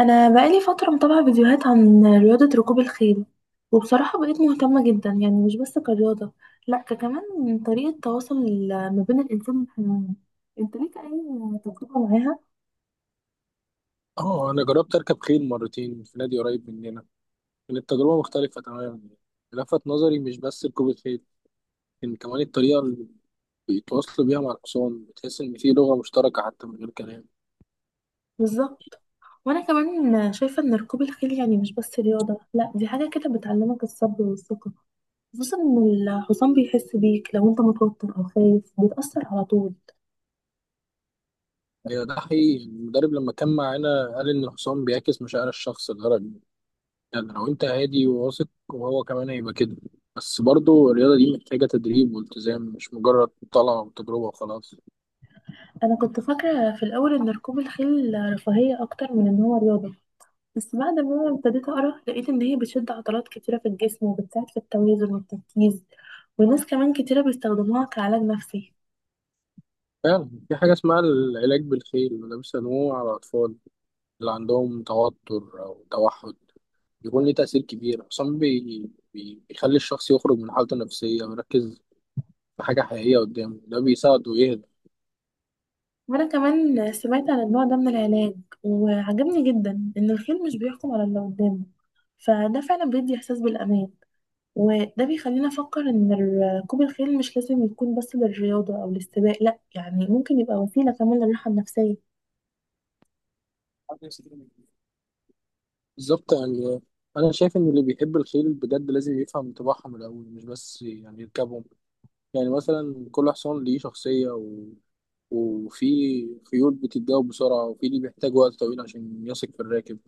انا بقالي فتره متابعه فيديوهات عن رياضه ركوب الخيل، وبصراحه بقيت مهتمه جدا، يعني مش بس كرياضه، لا كمان من طريقه تواصل ما بين الانسان والحيوان. انت ليك اي تجربه معاها؟ اه، انا جربت اركب خيل مرتين في نادي قريب مننا. كانت تجربه مختلفه تماما، لفت نظري مش بس ركوب الخيل، لكن كمان الطريقه اللي بيتواصلوا بيها مع الحصان. بتحس ان في لغه مشتركه حتى من غير كلام. بالظبط، وانا كمان شايفه ان ركوب الخيل يعني مش بس رياضه، لا دي حاجه كده بتعلمك الصبر والثقه، خصوصا ان الحصان بيحس بيك، لو انت متوتر او خايف بيتاثر على طول. ايوه ده حقيقي، المدرب لما كان معانا قال ان الحصان بيعكس مشاعر الشخص الغربي، يعني لو انت هادي وواثق وهو كمان هيبقى كده. بس برضه الرياضه دي محتاجه تدريب والتزام، مش مجرد طلعه وتجربه وخلاص. انا كنت فاكره في الاول ان ركوب الخيل رفاهيه اكتر من ان هو رياضه، بس بعد ما ابتديت اقرا لقيت ان هي بتشد عضلات كتيره في الجسم، وبتساعد في التوازن والتركيز، وناس كمان كتيره بيستخدموها كعلاج نفسي. فعلا في حاجه اسمها العلاج بالخيل، وده بيسموه على الاطفال اللي عندهم توتر أو توحد، بيكون ليه تأثير كبير أصلا بيخلي الشخص يخرج من حالته النفسية ويركز في حاجة حقيقية قدامه، ده بيساعده يهدى. وانا كمان سمعت عن النوع ده من العلاج، وعجبني جدا ان الخيل مش بيحكم على اللي قدامه، فده فعلا بيدي احساس بالامان. وده بيخلينا افكر ان ركوب الخيل مش لازم يكون بس للرياضه او للسباق، لا يعني ممكن يبقى وسيله كمان للراحه النفسيه. بالظبط، يعني أنا شايف إن اللي بيحب الخيل بجد لازم يفهم طباعهم الأول، مش بس يعني يركبهم. يعني مثلا كل حصان ليه شخصية وفي خيول بتتجاوب بسرعة، وفي اللي بيحتاج وقت طويل عشان يثق في الراكب.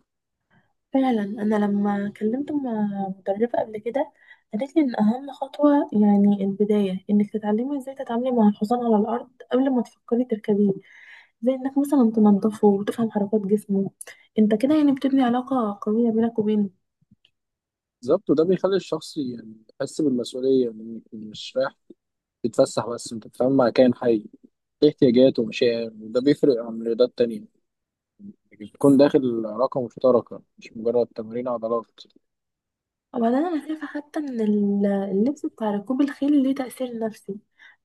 فعلا انا لما كلمت مدربه قبل كده، قالت لي ان اهم خطوه يعني البدايه انك تتعلمي ازاي تتعاملي مع الحصان على الارض قبل ما تفكري تركبيه، زي انك مثلا تنظفه وتفهم حركات جسمه. انت كده يعني بتبني علاقه قويه بينك وبينه. بالظبط، وده بيخلي الشخص يعني يحس بالمسؤولية، إنك مش رايح تتفسح، بس انت بتتعامل مع كائن حي ليه احتياجات ومشاعر، وده بيفرق عن رياضات تانية. بتكون داخل علاقة مشتركة مش مجرد تمرين عضلات. وبعدين انا شايفه حتى ان اللبس بتاع ركوب الخيل ليه تاثير نفسي.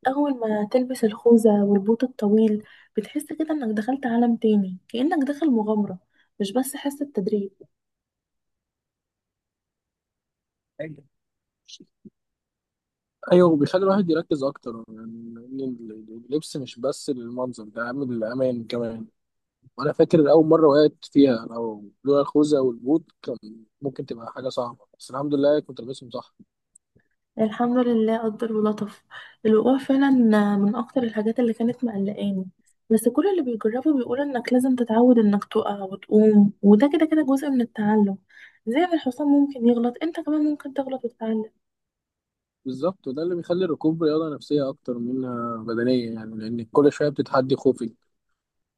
اول ما تلبس الخوذه والبوت الطويل، بتحس كده انك دخلت عالم تاني، كانك داخل مغامره، مش بس حس التدريب. أيوة، وبيخلي الواحد يركز أكتر، يعني إن اللبس مش بس للمنظر، ده أهم للأمان كمان. وأنا فاكر أول مرة وقعت فيها، لو لولا الخوذة والبوت كان ممكن تبقى حاجة صعبة، بس الحمد لله كنت لابسهم صح. الحمد لله قدر ولطف. الوقوع فعلا من اكتر الحاجات اللي كانت مقلقاني، بس كل اللي بيجربه بيقول انك لازم تتعود انك تقع وتقوم، وده كده كده جزء من التعلم. زي ما الحصان ممكن يغلط، انت كمان ممكن تغلط وتتعلم. بالظبط، وده اللي بيخلي الركوب رياضة نفسية أكتر منها بدنية، يعني لأن كل شوية بتتحدي خوفك،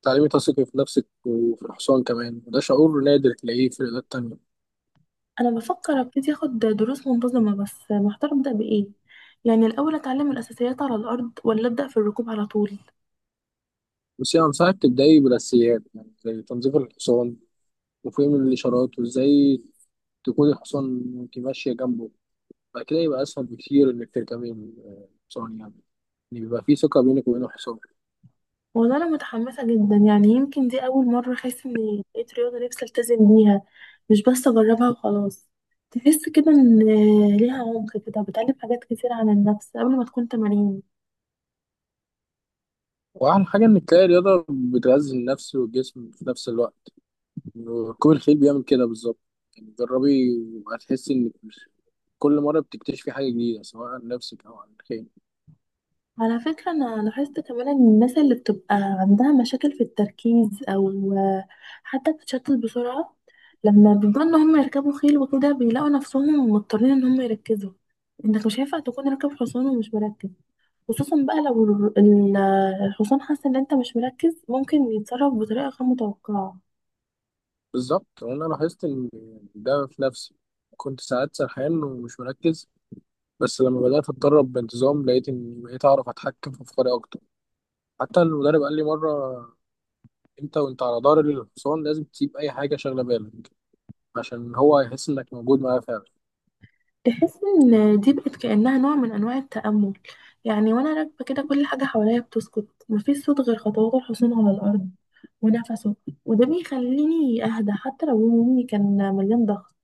تعليمي تثقي في نفسك وفي الحصان كمان، وده شعور نادر تلاقيه في الرياضات التانية. انا بفكر ابتدي اخد دروس منتظمة، بس محتار ابدا بايه، يعني الاول اتعلم الاساسيات على الارض، ولا ابدا في الركوب على طول. بس يعني أنصحك تبدأي بالأساسيات، يعني زي تنظيف الحصان وفهم الإشارات، وإزاي تكون الحصان وأنت ماشية جنبه. بعد كده يبقى أسهل بكتير إنك تركبي الحصان، يعني يعني بيبقى فيه ثقة بينك وبين الحصان. والله انا متحمسه جدا، يعني يمكن دي اول مره احس اني لقيت رياضه نفسي التزم بيها، مش بس اجربها وخلاص. تحس كده ان ليها عمق كده، بتعلم حاجات كتير عن النفس قبل ما تكون تمارين. وأحلى حاجة إنك تلاقي رياضة بتغذي النفس والجسم في نفس الوقت، ركوب الخيل بيعمل كده بالظبط. يعني جربي وهتحسي إنك كل مرة بتكتشفي حاجة جديدة، سواء عن نفسك أو عن الخيل. على فكره انا لاحظت كمان ان الناس اللي بتبقى عندها مشاكل في التركيز، او حتى بتتشتت بسرعه، لما بيبقوا ان هم يركبوا خيل وكده بيلاقوا نفسهم مضطرين ان هم يركزوا. انك مش هينفع تكون راكب حصان ومش مركز، خصوصا بقى لو الحصان حاسة ان انت مش مركز، ممكن يتصرف بطريقة غير متوقعة. بالظبط، وانا لاحظت ان ده في نفسي، كنت ساعات سرحان ومش مركز، بس لما بدات اتدرب بانتظام لقيت اني بقيت اعرف اتحكم في افكاري اكتر. حتى المدرب قال لي مره: انت وانت على ظهر الحصان لازم تسيب اي حاجه شاغله بالك، عشان هو يحس انك موجود معاه فعلا. تحس ان دي بقت كأنها نوع من انواع التأمل. يعني وانا راكبة كده، كل حاجة حواليا بتسكت، مفيش صوت غير خطوات الحصان على الأرض ونفسه، وده بيخليني اهدى حتى لو يومي كان مليان ضغط.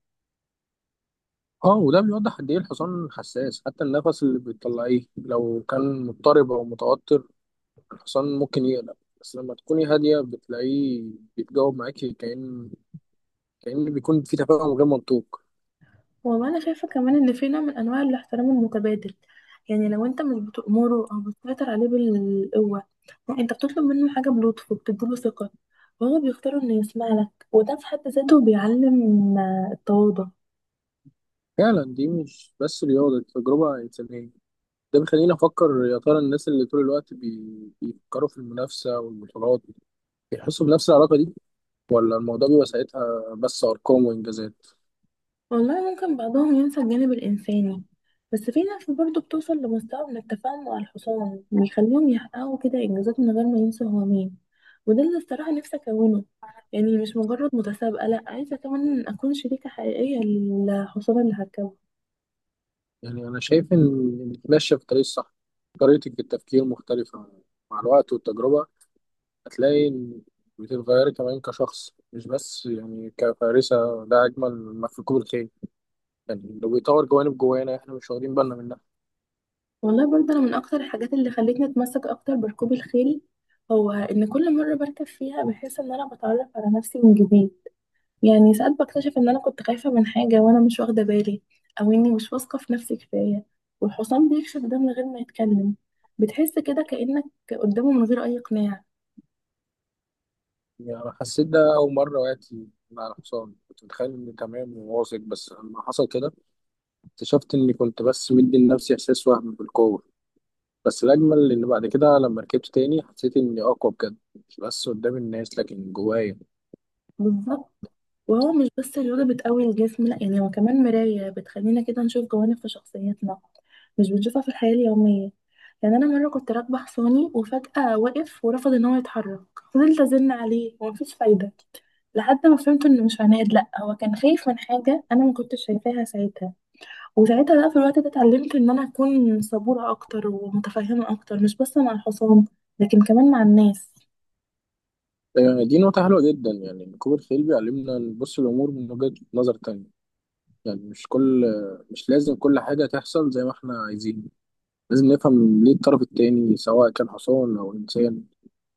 اه، وده بيوضح قد ايه الحصان حساس، حتى النفس اللي بتطلعيه لو كان مضطرب او متوتر الحصان ممكن يقلق. بس لما تكوني هاديه بتلاقيه بيتجاوب معاكي، كأن بيكون في تفاهم غير منطوق. والله انا شايفه كمان ان في نوع من انواع الاحترام المتبادل. يعني لو انت مش بتأمره او بتسيطر عليه بالقوه، لا، انت بتطلب منه حاجه بلطف، وبتديله ثقه، وهو بيختار انه يسمع لك، وده في حد ذاته بيعلم التواضع. فعلا دي مش بس رياضة، دي تجربة إنسانية. ده بيخليني أفكر يا ترى الناس اللي طول الوقت بيفكروا في المنافسة والبطولات بيحسوا بنفس العلاقة دي، ولا الموضوع بيبقى ساعتها بس أرقام وإنجازات. والله ممكن بعضهم ينسى الجانب الإنساني، بس في ناس برضه بتوصل لمستوى من التفاهم مع الحصان، بيخليهم يحققوا كده إنجازات من غير ما ينسوا هو مين. وده اللي الصراحة نفسي أكونه، يعني مش مجرد متسابقة، لأ عايزة كمان أكون شريكة حقيقية للحصان اللي هركبه. يعني أنا شايف إن إنك ماشية في الطريق الصح، طريقتك في التفكير مختلفة. مع الوقت والتجربة هتلاقي إن بتتغيري كمان كشخص، مش بس يعني كفارسة، ده أجمل ما في ركوب الخيل، يعني لو بيطور جوانب جوانا إحنا مش واخدين بالنا منها. والله برضه أنا من أكتر الحاجات اللي خلتني أتمسك أكتر بركوب الخيل، هو إن كل مرة بركب فيها بحس إن أنا بتعرف على نفسي من جديد. يعني ساعات بكتشف ان انا كنت خايفة من حاجة وانا مش واخدة بالي، او اني مش واثقة في نفسي كفاية، والحصان بيكشف ده من غير ما يتكلم. بتحس كده كأنك قدامه من غير اي اقناع. يعني أنا حسيت ده أول مرة وقعت مع الحصان، كنت متخيل إني تمام وواثق، بس لما حصل كده اكتشفت إني كنت بس مدي لنفسي إحساس وهم بالقوة. بس الأجمل إن بعد كده لما ركبت تاني حسيت إني أقوى بجد، مش بس قدام الناس لكن جوايا. بالظبط، وهو مش بس رياضة بتقوي الجسم، لا يعني هو كمان مراية بتخلينا كده نشوف جوانب في شخصيتنا مش بنشوفها في الحياة اليومية. يعني أنا مرة كنت راكبة حصاني وفجأة وقف ورفض إن هو يتحرك، فضلت أزن عليه ومفيش فايدة، لحد ما فهمت إنه مش عناد، لأ هو كان خايف من حاجة أنا ما كنتش شايفاها ساعتها. وساعتها بقى في الوقت ده اتعلمت ان انا اكون صبورة اكتر ومتفهمة اكتر، مش بس مع الحصان، لكن كمان مع الناس. آه، دي نقطة حلوة جدا، يعني ركوب الخيل بيعلمنا نبص الأمور من وجهة نظر تانية، يعني مش لازم كل حاجة تحصل زي ما إحنا عايزين، لازم نفهم ليه الطرف التاني سواء كان حصان أو إنسان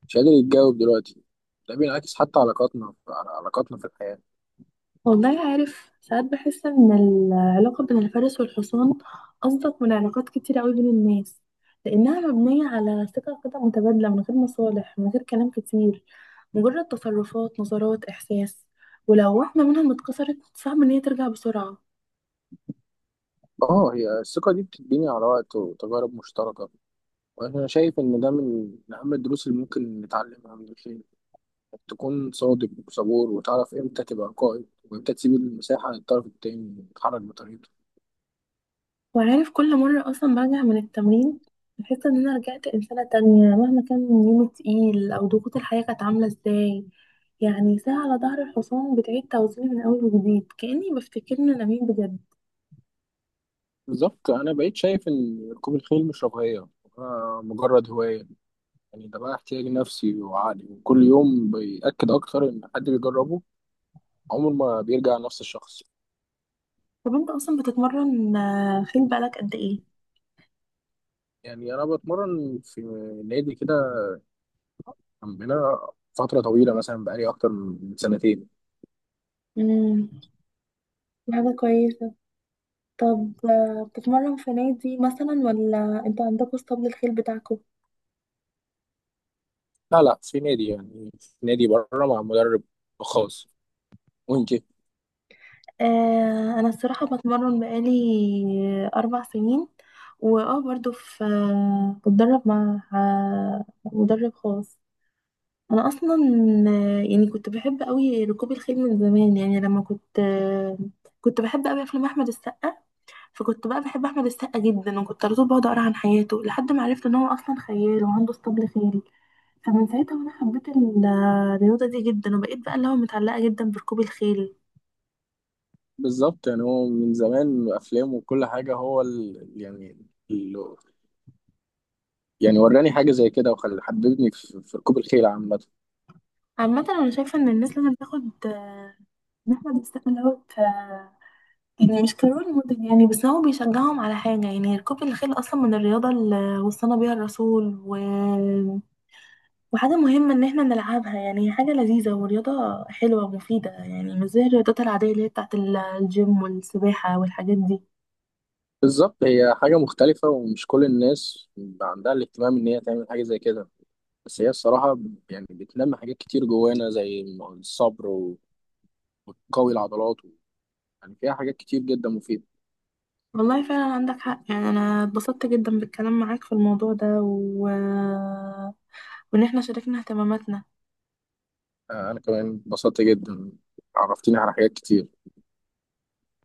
مش قادر يتجاوب دلوقتي. ده بينعكس حتى على علاقاتنا في الحياة. والله عارف ساعات بحس ان العلاقة بين الفارس والحصان اصدق من علاقات كتير قوي بين الناس، لانها مبنية على ثقة كده متبادلة، من غير مصالح، من غير كلام كتير، مجرد تصرفات نظرات احساس. ولو واحدة منهم اتكسرت، صعب ان هي ترجع بسرعة. اه، هي الثقة دي بتتبني على وقت وتجارب مشتركة، وأنا شايف إن ده من أهم الدروس اللي ممكن نتعلمها من الخير، إنك تكون صادق وصبور وتعرف إمتى تبقى قائد وإمتى تسيب المساحة للطرف التاني يتحرك بطريقته. وعارف كل مرة أصلا برجع من التمرين، بحس إن أنا رجعت إنسانة تانية، مهما كان يومي تقيل أو ضغوط الحياة كانت عاملة إزاي. يعني ساعة على ظهر الحصان بتعيد توزيني من أول وجديد، كأني بفتكرني أنا مين بجد. بالظبت أنا بقيت شايف إن ركوب الخيل مش رفاهية، آه، مجرد هواية، يعني ده بقى احتياج نفسي وعقلي، وكل يوم بيأكد أكتر إن حد بيجربه عمره ما بيرجع نفس الشخص. طب أنت أصلا بتتمرن خيل بقالك قد إيه؟ يعني أنا بتمرن في نادي كده عندنا فترة طويلة، مثلا بقالي أكتر من سنتين. مم، دي حاجة كويسة. طب بتتمرن في نادي مثلا، ولا أنتوا عندكوا اسطبل الخيل بتاعكوا؟ لا لا، في نادي، يعني في نادي بره مع مدرب خاص. وأنت؟ انا الصراحه بتمرن بقالي 4 سنين، واه برضو في بتدرب مع مدرب خاص. انا اصلا يعني كنت بحب قوي ركوب الخيل من زمان، يعني لما كنت كنت بحب قوي افلام احمد السقا، فكنت بقى بحب احمد السقا جدا، وكنت على طول بقعد اقرا عن حياته لحد ما عرفت ان هو اصلا خيال وعنده اسطبل خيل. فمن ساعتها وانا حبيت الرياضه دي جدا، وبقيت بقى اللي هو متعلقه جدا بركوب الخيل. بالظبط، يعني هو من زمان أفلام وكل حاجة، هو ال... يعني وراني حاجة زي كده، وخل حببني في ركوب الخيل عامة. عامة أنا شايفة إن الناس لازم تاخد إن إحنا بنستقبل دوت آه، يعني مش كرول موديل، يعني بس هو بيشجعهم على حاجة. يعني ركوب الخيل أصلا من الرياضة اللي وصانا بيها الرسول، وحاجة مهمة إن إحنا نلعبها، يعني هي حاجة لذيذة ورياضة حلوة ومفيدة، يعني مش زي الرياضات العادية اللي هي بتاعت الجيم والسباحة والحاجات دي. بالظبط، هي حاجة مختلفة ومش كل الناس عندها الاهتمام إن هي تعمل حاجة زي كده، بس هي الصراحة يعني بتنمي حاجات كتير جوانا، زي الصبر قوي العضلات، يعني فيها حاجات كتير جدا مفيدة. والله فعلا عندك حق، يعني أنا اتبسطت جدا بالكلام معاك في الموضوع ده وإن إحنا شاركنا اهتماماتنا. آه، أنا كمان اتبسطت جدا، عرفتني على حاجات كتير.